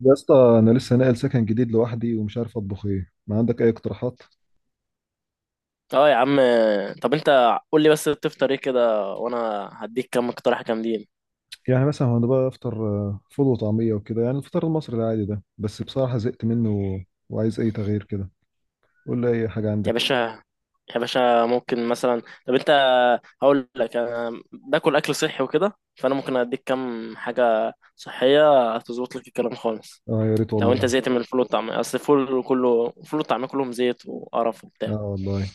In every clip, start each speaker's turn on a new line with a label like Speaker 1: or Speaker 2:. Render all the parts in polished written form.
Speaker 1: يا اسطى، انا لسه ناقل سكن جديد لوحدي ومش عارف اطبخ ايه. ما عندك اي اقتراحات؟
Speaker 2: اه يا عم. طب انت قول لي بس بتفطر ايه كده، وانا هديك كام اقتراح جامدين.
Speaker 1: يعني مثلا هو انا بقى افطر، فول وطعميه وكده، يعني الفطار المصري العادي ده، بس بصراحه زهقت منه وعايز اي تغيير كده. قول لي اي حاجه
Speaker 2: يا
Speaker 1: عندك.
Speaker 2: باشا يا باشا، ممكن مثلا، طب انت هقول لك، انا باكل اكل صحي وكده، فانا ممكن اديك كام حاجه صحيه هتظبط لك الكلام خالص.
Speaker 1: اه، يا ريت
Speaker 2: لو انت
Speaker 1: والله.
Speaker 2: زهقت من الفول والطعميه، اصل الفول كله، الفول والطعميه كلهم زيت وقرف
Speaker 1: اه
Speaker 2: وبتاع.
Speaker 1: والله.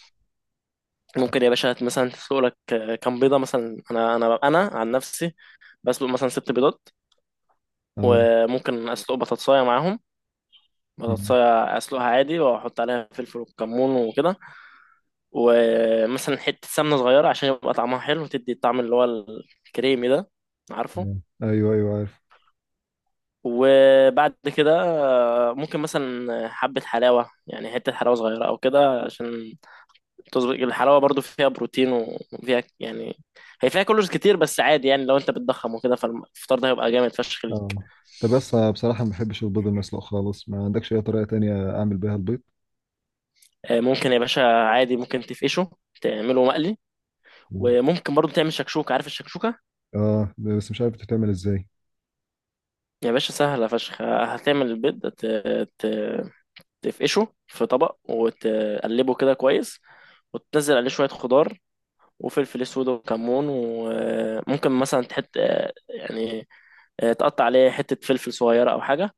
Speaker 2: ممكن يا باشا مثلا تسلق لك كام بيضه، مثلا انا عن نفسي بسلق مثلا ست بيضات.
Speaker 1: اه.
Speaker 2: وممكن اسلق بطاطسايه معاهم،
Speaker 1: مم.
Speaker 2: بطاطساية اسلقها عادي واحط عليها فلفل وكمون وكده. ومثلا حتة سمنة صغيرة عشان يبقى طعمها حلو وتدي الطعم اللي هو الكريمي ده، عارفه؟
Speaker 1: مم. ايوه، ايوه، عارف.
Speaker 2: وبعد كده، ممكن مثلا حبة حلاوة، يعني حتة حلاوة صغيرة أو كده، عشان تظبط. الحلاوة برضو فيها بروتين، وفيها يعني، هي فيها كالوريز كتير بس عادي، يعني لو أنت بتضخم وكده فالفطار ده هيبقى جامد فشخ ليك.
Speaker 1: اه. طب بس أنا بصراحه ما بحبش البيض المسلوق خالص. ما عندكش اي طريقه تانية اعمل بيها البيض؟
Speaker 2: ممكن يا باشا عادي، ممكن تفقشه، تعمله مقلي.
Speaker 1: مم.
Speaker 2: وممكن برضو تعمل شكشوكة، عارف الشكشوكة؟
Speaker 1: اه، بس مش عارف بتتعمل ازاي.
Speaker 2: يا باشا سهلة فشخ. هتعمل البيض ت... تفقشه في طبق وتقلبه كده كويس، وتنزل عليه شوية خضار وفلفل أسود وكمون. وممكن مثلا تحط، يعني تقطع عليه حتة فلفل صغيرة أو حاجة،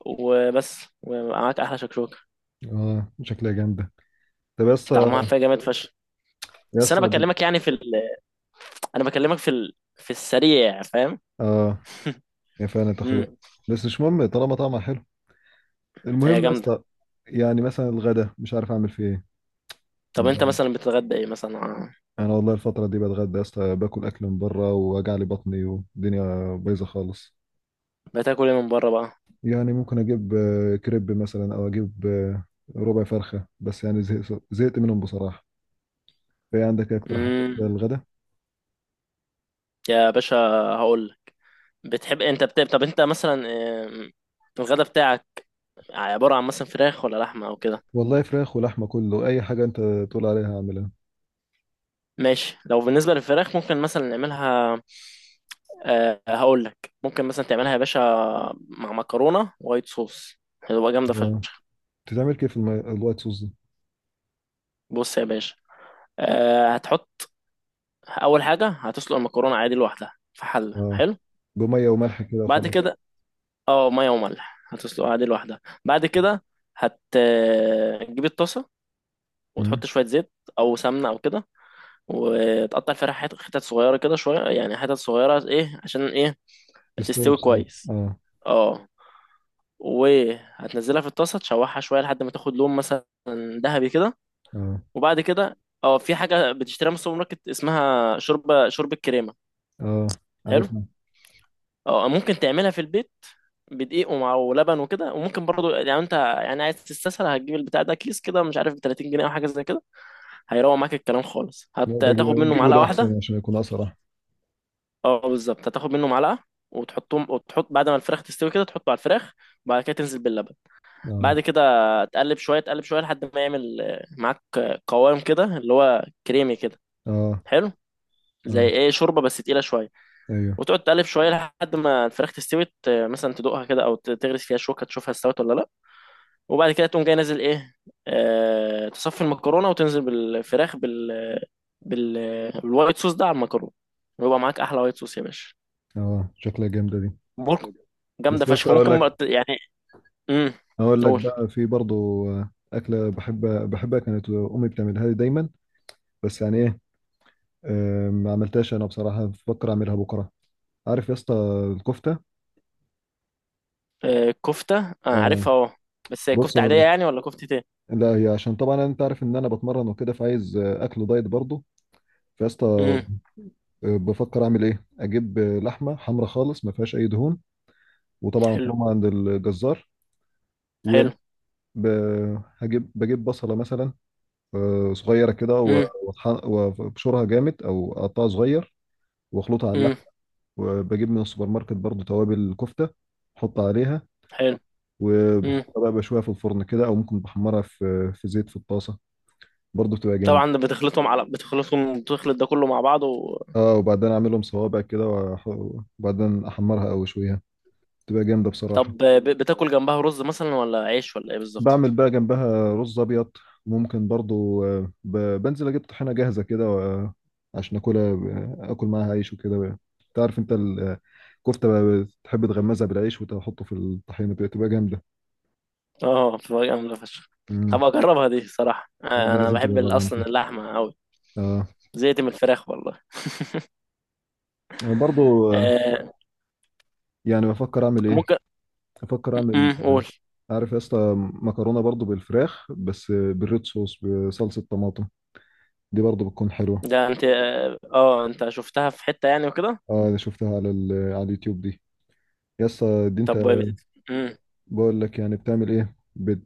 Speaker 2: وبس، ومعاك أحلى شكشوكة.
Speaker 1: اه، شكلها جامده. طب يا اسطى.
Speaker 2: طعمها فيها جامد فشخ.
Speaker 1: يا
Speaker 2: بس أنا
Speaker 1: اسطى.
Speaker 2: بكلمك يعني في ال... أنا بكلمك في ال... في السريع، فاهم؟
Speaker 1: اه، هي فعلا تاخد
Speaker 2: امم
Speaker 1: وقت. بس مش مهم طالما طعمها حلو.
Speaker 2: هي
Speaker 1: المهم يا
Speaker 2: جامدة.
Speaker 1: اسطى، يعني مثلا الغدا مش عارف اعمل فيه
Speaker 2: طب أنت
Speaker 1: ايه.
Speaker 2: مثلا بتتغدى إيه مثلا؟
Speaker 1: انا والله الفتره دي بتغدى يا اسطى، باكل اكل من بره ووجع لي بطني والدنيا بايظه خالص.
Speaker 2: بتاكل إيه من بره بقى؟
Speaker 1: يعني ممكن اجيب كريب مثلا، او اجيب ربع فرخه، بس يعني زهقت زهقت منهم بصراحه. في عندك ايه اقتراحات
Speaker 2: امم
Speaker 1: للغدا؟
Speaker 2: يا باشا هقول، انت بتحب طب انت مثلا، آم، الغدا بتاعك عبارة عن مثلا فراخ ولا لحمة او كده؟
Speaker 1: والله فراخ ولحمه، كله اي حاجه انت تقول عليها اعملها.
Speaker 2: ماشي. لو بالنسبة للفراخ ممكن مثلا نعملها، أه هقول لك، ممكن مثلا تعملها يا باشا مع مكرونة وايت صوص، هتبقى جامدة
Speaker 1: آه.
Speaker 2: فشخ.
Speaker 1: بتتعمل كيف الوايت صوص دي؟
Speaker 2: بص يا باشا، أه هتحط، اول حاجة هتسلق المكرونة عادي لوحدها في حلة،
Speaker 1: اه،
Speaker 2: حلو،
Speaker 1: بميه وملح كده
Speaker 2: بعد
Speaker 1: وخلاص.
Speaker 2: كده، اه مية وملح، هتسلقها عادي لوحدها. بعد كده هتجيب الطاسة
Speaker 1: مم.
Speaker 2: وتحط شوية زيت او سمنة او كده، وتقطع الفراخ حتت صغيرة كده، شوية يعني، حتت صغيرة، ايه عشان ايه؟
Speaker 1: تستوي
Speaker 2: تستوي
Speaker 1: بسرعه،
Speaker 2: كويس،
Speaker 1: اه.
Speaker 2: اه. وهتنزلها في الطاسة تشوحها شوية لحد ما تاخد لون، مثلا ذهبي كده.
Speaker 1: اه.
Speaker 2: وبعد كده، اه في حاجة بتشتريها من السوبر ماركت اسمها شوربة شوربة كريمة،
Speaker 1: اه،
Speaker 2: حلو.
Speaker 1: عرفنا.
Speaker 2: اه ممكن تعملها في البيت بدقيق ومع ولبن وكده. وممكن برضو، يعني انت يعني عايز تستسهل، هتجيب البتاع ده كيس كده، مش عارف ب 30 جنيه او حاجه زي كده. هيروق معاك الكلام خالص.
Speaker 1: لا، ده
Speaker 2: هتاخد منه
Speaker 1: جيبه
Speaker 2: معلقه
Speaker 1: ده احسن
Speaker 2: واحده،
Speaker 1: عشان يكون اسرع.
Speaker 2: اه بالظبط، هتاخد منه معلقه وتحطهم، وتحط بعد ما الفراخ تستوي كده تحطه على الفراخ. وبعد كده تنزل باللبن.
Speaker 1: اه.
Speaker 2: بعد كده تقلب شويه، تقلب شويه، لحد ما يعمل معاك قوام كده اللي هو كريمي كده،
Speaker 1: اه.
Speaker 2: حلو. زي
Speaker 1: اه.
Speaker 2: ايه، شوربه بس تقيله شويه.
Speaker 1: ايوه.
Speaker 2: وتقعد تقلب شويه لحد ما الفراخ تستوي، مثلا تدوقها كده، او تغرس فيها شوكه تشوفها استوت ولا لا. وبعد كده تقوم جاي نازل ايه، آه تصفي المكرونه وتنزل بالفراخ بال بالوايت صوص ده على المكرونه، ويبقى معاك احلى وايت صوص يا باشا.
Speaker 1: اه، شكلها جامده دي.
Speaker 2: ممكن،
Speaker 1: بس
Speaker 2: جامدة
Speaker 1: بس
Speaker 2: فشخ.
Speaker 1: اقول
Speaker 2: ممكن
Speaker 1: لك.
Speaker 2: يعني، امم
Speaker 1: اقول لك
Speaker 2: قول.
Speaker 1: بقى، في برضو اكله بحب. بحبها، كانت امي بتعملها لي دايما. بس يعني ايه، ما عملتهاش انا بصراحه. بفكر اعملها بكره. عارف يا اسطى؟ الكفته.
Speaker 2: آه كفتة، انا
Speaker 1: اه،
Speaker 2: عارفها اه. بس هي
Speaker 1: بص
Speaker 2: كفتة عادية
Speaker 1: أقول لك.
Speaker 2: يعني ولا كفتة ايه؟
Speaker 1: لا، هي عشان طبعا انت عارف ان انا بتمرن وكده، فعايز اكل دايت برضو. فيا اسطى،
Speaker 2: امم
Speaker 1: بفكر اعمل ايه، اجيب لحمه حمرا خالص ما فيهاش اي دهون. وطبعا
Speaker 2: حلو.
Speaker 1: فروم عند الجزار. ويا
Speaker 2: حلو.
Speaker 1: دوب، ب- هجيب بجيب بصلة مثلا، صغيرة كده،
Speaker 2: امم
Speaker 1: وابشرها جامد أو أقطعها صغير وأخلطها على اللحم.
Speaker 2: امم
Speaker 1: وبجيب من السوبر ماركت برضو توابل كفتة أحط عليها.
Speaker 2: حلو. امم
Speaker 1: وبحطها بقى بشويها في الفرن كده، أو ممكن بحمرها في زيت في الطاسة. برضو بتبقى جامد.
Speaker 2: طبعا ده بتخلطهم على بتخلطهم بتخلط ده كله مع بعض و...
Speaker 1: اه، وبعدين أعملهم صوابع كده، وبعدين أحمرها أو أشويها. بتبقى جامدة بصراحة.
Speaker 2: طب بتاكل جنبها رز مثلا ولا عيش ولا ايه بالظبط؟
Speaker 1: بعمل بقى جنبها رز ابيض. ممكن برضو بنزل اجيب طحينه جاهزه كده، عشان اكلها، اكل معاها عيش وكده. تعرف، انت الكفته بقى بتحب تغمزها بالعيش وتحطه في الطحينه، بتبقى جامده.
Speaker 2: اه بتبقى جامدة فشخ.
Speaker 1: امم.
Speaker 2: هبقى اجربها دي صراحة،
Speaker 1: لا، دي
Speaker 2: انا
Speaker 1: لازم
Speaker 2: بحب
Speaker 1: تجربها انت.
Speaker 2: اصلا اللحمة قوي.
Speaker 1: اه.
Speaker 2: زهقت من الفراخ والله.
Speaker 1: أنا برضو،
Speaker 2: آه،
Speaker 1: يعني بفكر اعمل ايه.
Speaker 2: ممكن،
Speaker 1: بفكر اعمل.
Speaker 2: قول.
Speaker 1: عارف يا اسطى؟ مكرونه برضو بالفراخ، بس بالريد صوص، بصلصه طماطم. دي برضو بتكون حلوه.
Speaker 2: ده انت اه، انت شفتها في حتة يعني وكده؟
Speaker 1: اه، انا شفتها على اليوتيوب دي. يا اسطى، دي انت
Speaker 2: طب مم.
Speaker 1: بقول لك يعني بتعمل ايه.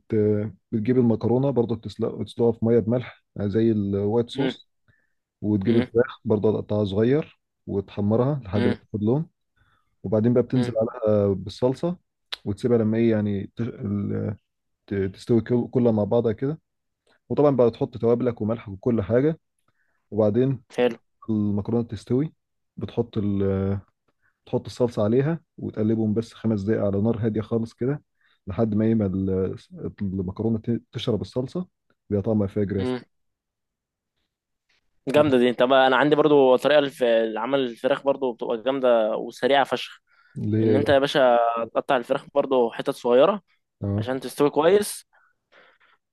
Speaker 1: بتجيب المكرونه برضه بتسلق، وتسلقها في ميه بملح زي الوايت
Speaker 2: مم.
Speaker 1: صوص. وتجيب
Speaker 2: مم.
Speaker 1: الفراخ برضه تقطعها صغير، وتحمرها لحد ما
Speaker 2: مم.
Speaker 1: تاخد لون. وبعدين بقى بتنزل
Speaker 2: مم.
Speaker 1: عليها بالصلصه، وتسيبها لما ايه يعني تستوي كلها مع بعضها كده. وطبعا بقى تحط توابلك وملح وكل حاجه. وبعدين
Speaker 2: حلو.
Speaker 1: المكرونه تستوي، بتحط. تحط الصلصة عليها وتقلبهم بس 5 دقايق على نار هادية خالص كده، لحد ما المكرونة تشرب الصلصة. بيبقى طعمها فاجر يا اسطى.
Speaker 2: مم. جامدة دي. طب انا عندي برضو طريقة لعمل الفراخ برضو بتبقى جامدة وسريعة فشخ،
Speaker 1: اللي
Speaker 2: ان
Speaker 1: هي
Speaker 2: انت يا
Speaker 1: بقى-
Speaker 2: باشا تقطع الفراخ برضو حتت صغيرة
Speaker 1: اه.
Speaker 2: عشان تستوي كويس.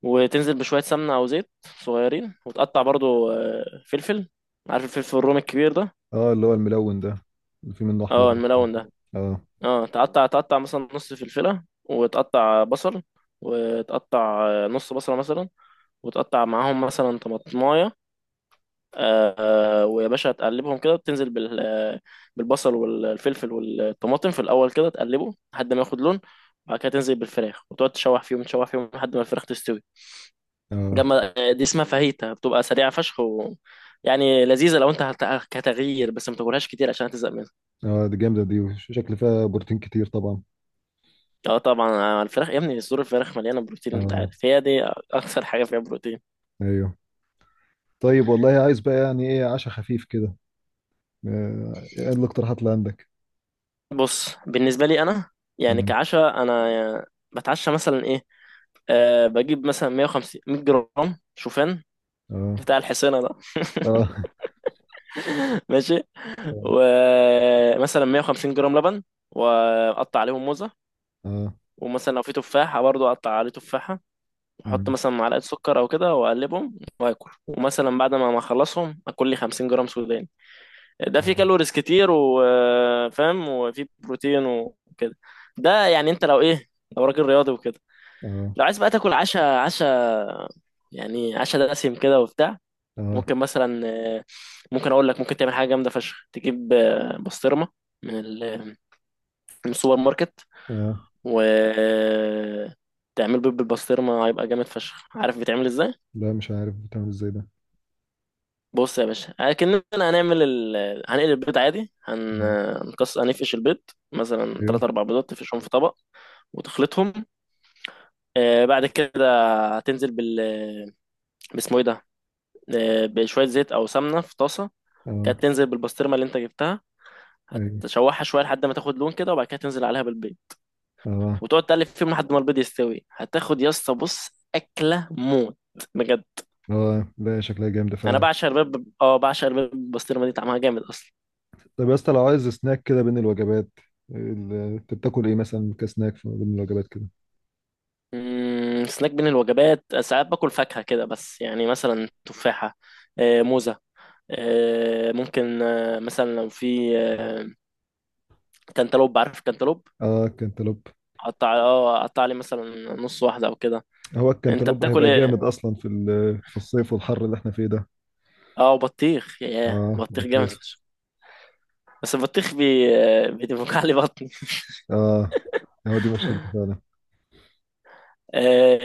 Speaker 2: وتنزل بشوية سمنة او زيت صغيرين. وتقطع برضو فلفل، عارف الفلفل الرومي الكبير ده؟
Speaker 1: اه، اللي هو الملون ده، اللي فيه منه أحمر
Speaker 2: اه
Speaker 1: بس.
Speaker 2: الملون ده،
Speaker 1: اه.
Speaker 2: اه. تقطع مثلا نص فلفلة، وتقطع بصل، وتقطع نص بصلة مثلا، وتقطع معاهم مثلا طماطماية. ويا باشا هتقلبهم كده، وتنزل بالبصل والفلفل والطماطم في الاول كده، تقلبه لحد ما ياخد لون. وبعد كده تنزل بالفراخ، وتقعد تشوح فيهم تشوح فيهم لحد ما الفراخ تستوي
Speaker 1: اه.
Speaker 2: جنب. دي اسمها فاهيتا، بتبقى سريعه فشخ و... يعني لذيذه. لو انت كتغيير بس، ما تاكلهاش كتير عشان هتزهق منها.
Speaker 1: اه، دي جامدة دي، وشكل فيها بروتين كتير طبعا.
Speaker 2: اه طبعا، الفراخ يا ابني، صدور الفراخ مليانه بروتين انت
Speaker 1: اه.
Speaker 2: عارف، هي دي اكثر حاجه فيها بروتين.
Speaker 1: ايوه. طيب والله، عايز بقى يعني ايه، عشاء خفيف كده. ايه الاقتراحات اللي عندك؟
Speaker 2: بص بالنسبه لي انا، يعني
Speaker 1: مم.
Speaker 2: كعشاء انا بتعشى مثلا ايه، أه بجيب مثلا 150 100 جرام شوفان،
Speaker 1: اه.
Speaker 2: بتاع الحصينة ده،
Speaker 1: اه.
Speaker 2: ماشي. ومثلا 150 جرام لبن، واقطع عليهم موزة.
Speaker 1: اه.
Speaker 2: ومثلا لو في تفاحة برضو اقطع عليه تفاحة. واحط
Speaker 1: مم.
Speaker 2: مثلا معلقة سكر او كده، واقلبهم واكل. ومثلا بعد ما اخلصهم اكل لي 50 جرام سوداني. ده فيه كالوريز كتير وفاهم، وفيه بروتين وكده. ده يعني انت لو ايه، لو راجل رياضي وكده،
Speaker 1: اه.
Speaker 2: لو عايز بقى تاكل عشا، عشا يعني، عشا دسم كده وبتاع،
Speaker 1: اه. اه.
Speaker 2: ممكن مثلا، آه، ممكن اقول لك ممكن تعمل حاجه جامده فشخ. تجيب بسطرمه من ال- من السوبر ماركت،
Speaker 1: آه.
Speaker 2: و تعمل بيض بالبسطرمه، هيبقى جامد فشخ. عارف بيتعمل ازاي؟
Speaker 1: لا، مش عارف بتعمل ازاي ده.
Speaker 2: بص يا باشا، اكننا هنعمل هنقلي البيض عادي. هن...
Speaker 1: مم.
Speaker 2: هنقص هنفقش البيض، مثلا
Speaker 1: ايوه.
Speaker 2: تلات اربع بيضات، تفقشهم في طبق وتخلطهم. بعد كده هتنزل باسمه ايه ده، بشويه زيت او سمنه في طاسه.
Speaker 1: اه.
Speaker 2: كانت تنزل بالبسطرمه اللي انت جبتها،
Speaker 1: ايوه.
Speaker 2: هتشوحها شويه لحد ما تاخد لون كده. وبعد كده تنزل عليها بالبيض
Speaker 1: اه.
Speaker 2: وتقعد تقلب فيهم لحد ما البيض يستوي. هتاخد يا اسطى بص، اكله موت بجد.
Speaker 1: اه. لا، شكلها جامدة
Speaker 2: انا
Speaker 1: فعلا.
Speaker 2: بعشق البيض اه بعشق البيض بالبسطرمه دي طعمها جامد اصلا.
Speaker 1: طب يا اسطى، لو عايز سناك كده بين الوجبات، انت بتاكل ايه مثلا كسناك بين الوجبات كده؟
Speaker 2: مم، سناك بين الوجبات ساعات باكل فاكهه كده، بس يعني مثلا تفاحه، موزه، ممكن مثلا لو في كانتالوب، عارف الكانتالوب؟
Speaker 1: اه، الكنتالوب.
Speaker 2: اقطع اه اقطع لي مثلا نص واحده او كده.
Speaker 1: هو
Speaker 2: انت
Speaker 1: الكنتالوب
Speaker 2: بتاكل
Speaker 1: هيبقى جامد
Speaker 2: ايه؟
Speaker 1: اصلا في الصيف والحر اللي احنا فيه ده.
Speaker 2: اه بطيخ، ياه
Speaker 1: اه،
Speaker 2: بطيخ جامد.
Speaker 1: بطيخ.
Speaker 2: بس البطيخ بيدفك علي بطني.
Speaker 1: اه، هو دي مشكلته فعلا.
Speaker 2: آه،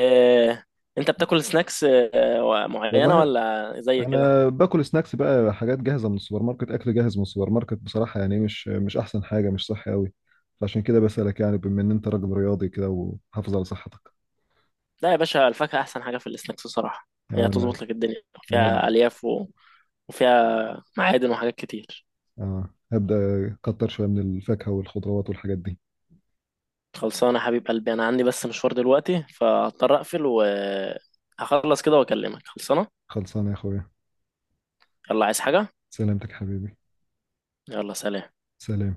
Speaker 2: آه، انت بتاكل سناكس معينة
Speaker 1: والله
Speaker 2: ولا زي كده؟
Speaker 1: انا باكل سناكس بقى حاجات جاهزه من السوبر ماركت، اكل جاهز من السوبر ماركت بصراحه، يعني مش مش احسن حاجه، مش صحي قوي. فعشان كده بسالك، يعني بما ان انت راجل رياضي كده وحافظ على صحتك.
Speaker 2: لا يا باشا الفاكهة احسن حاجة في السناكس بصراحة، هي
Speaker 1: انا
Speaker 2: تظبط لك الدنيا،
Speaker 1: هب-
Speaker 2: فيها الياف و... وفيها معادن وحاجات كتير.
Speaker 1: هبدا اكتر شويه من الفاكهه والخضروات والحاجات دي.
Speaker 2: خلصانة يا حبيب قلبي، انا عندي بس مشوار دلوقتي، فهضطر اقفل وهخلص كده واكلمك. خلصانة.
Speaker 1: خلصانه يا اخويا.
Speaker 2: يلا عايز حاجة؟
Speaker 1: سلامتك يا حبيبي.
Speaker 2: يلا سلام.
Speaker 1: سلام.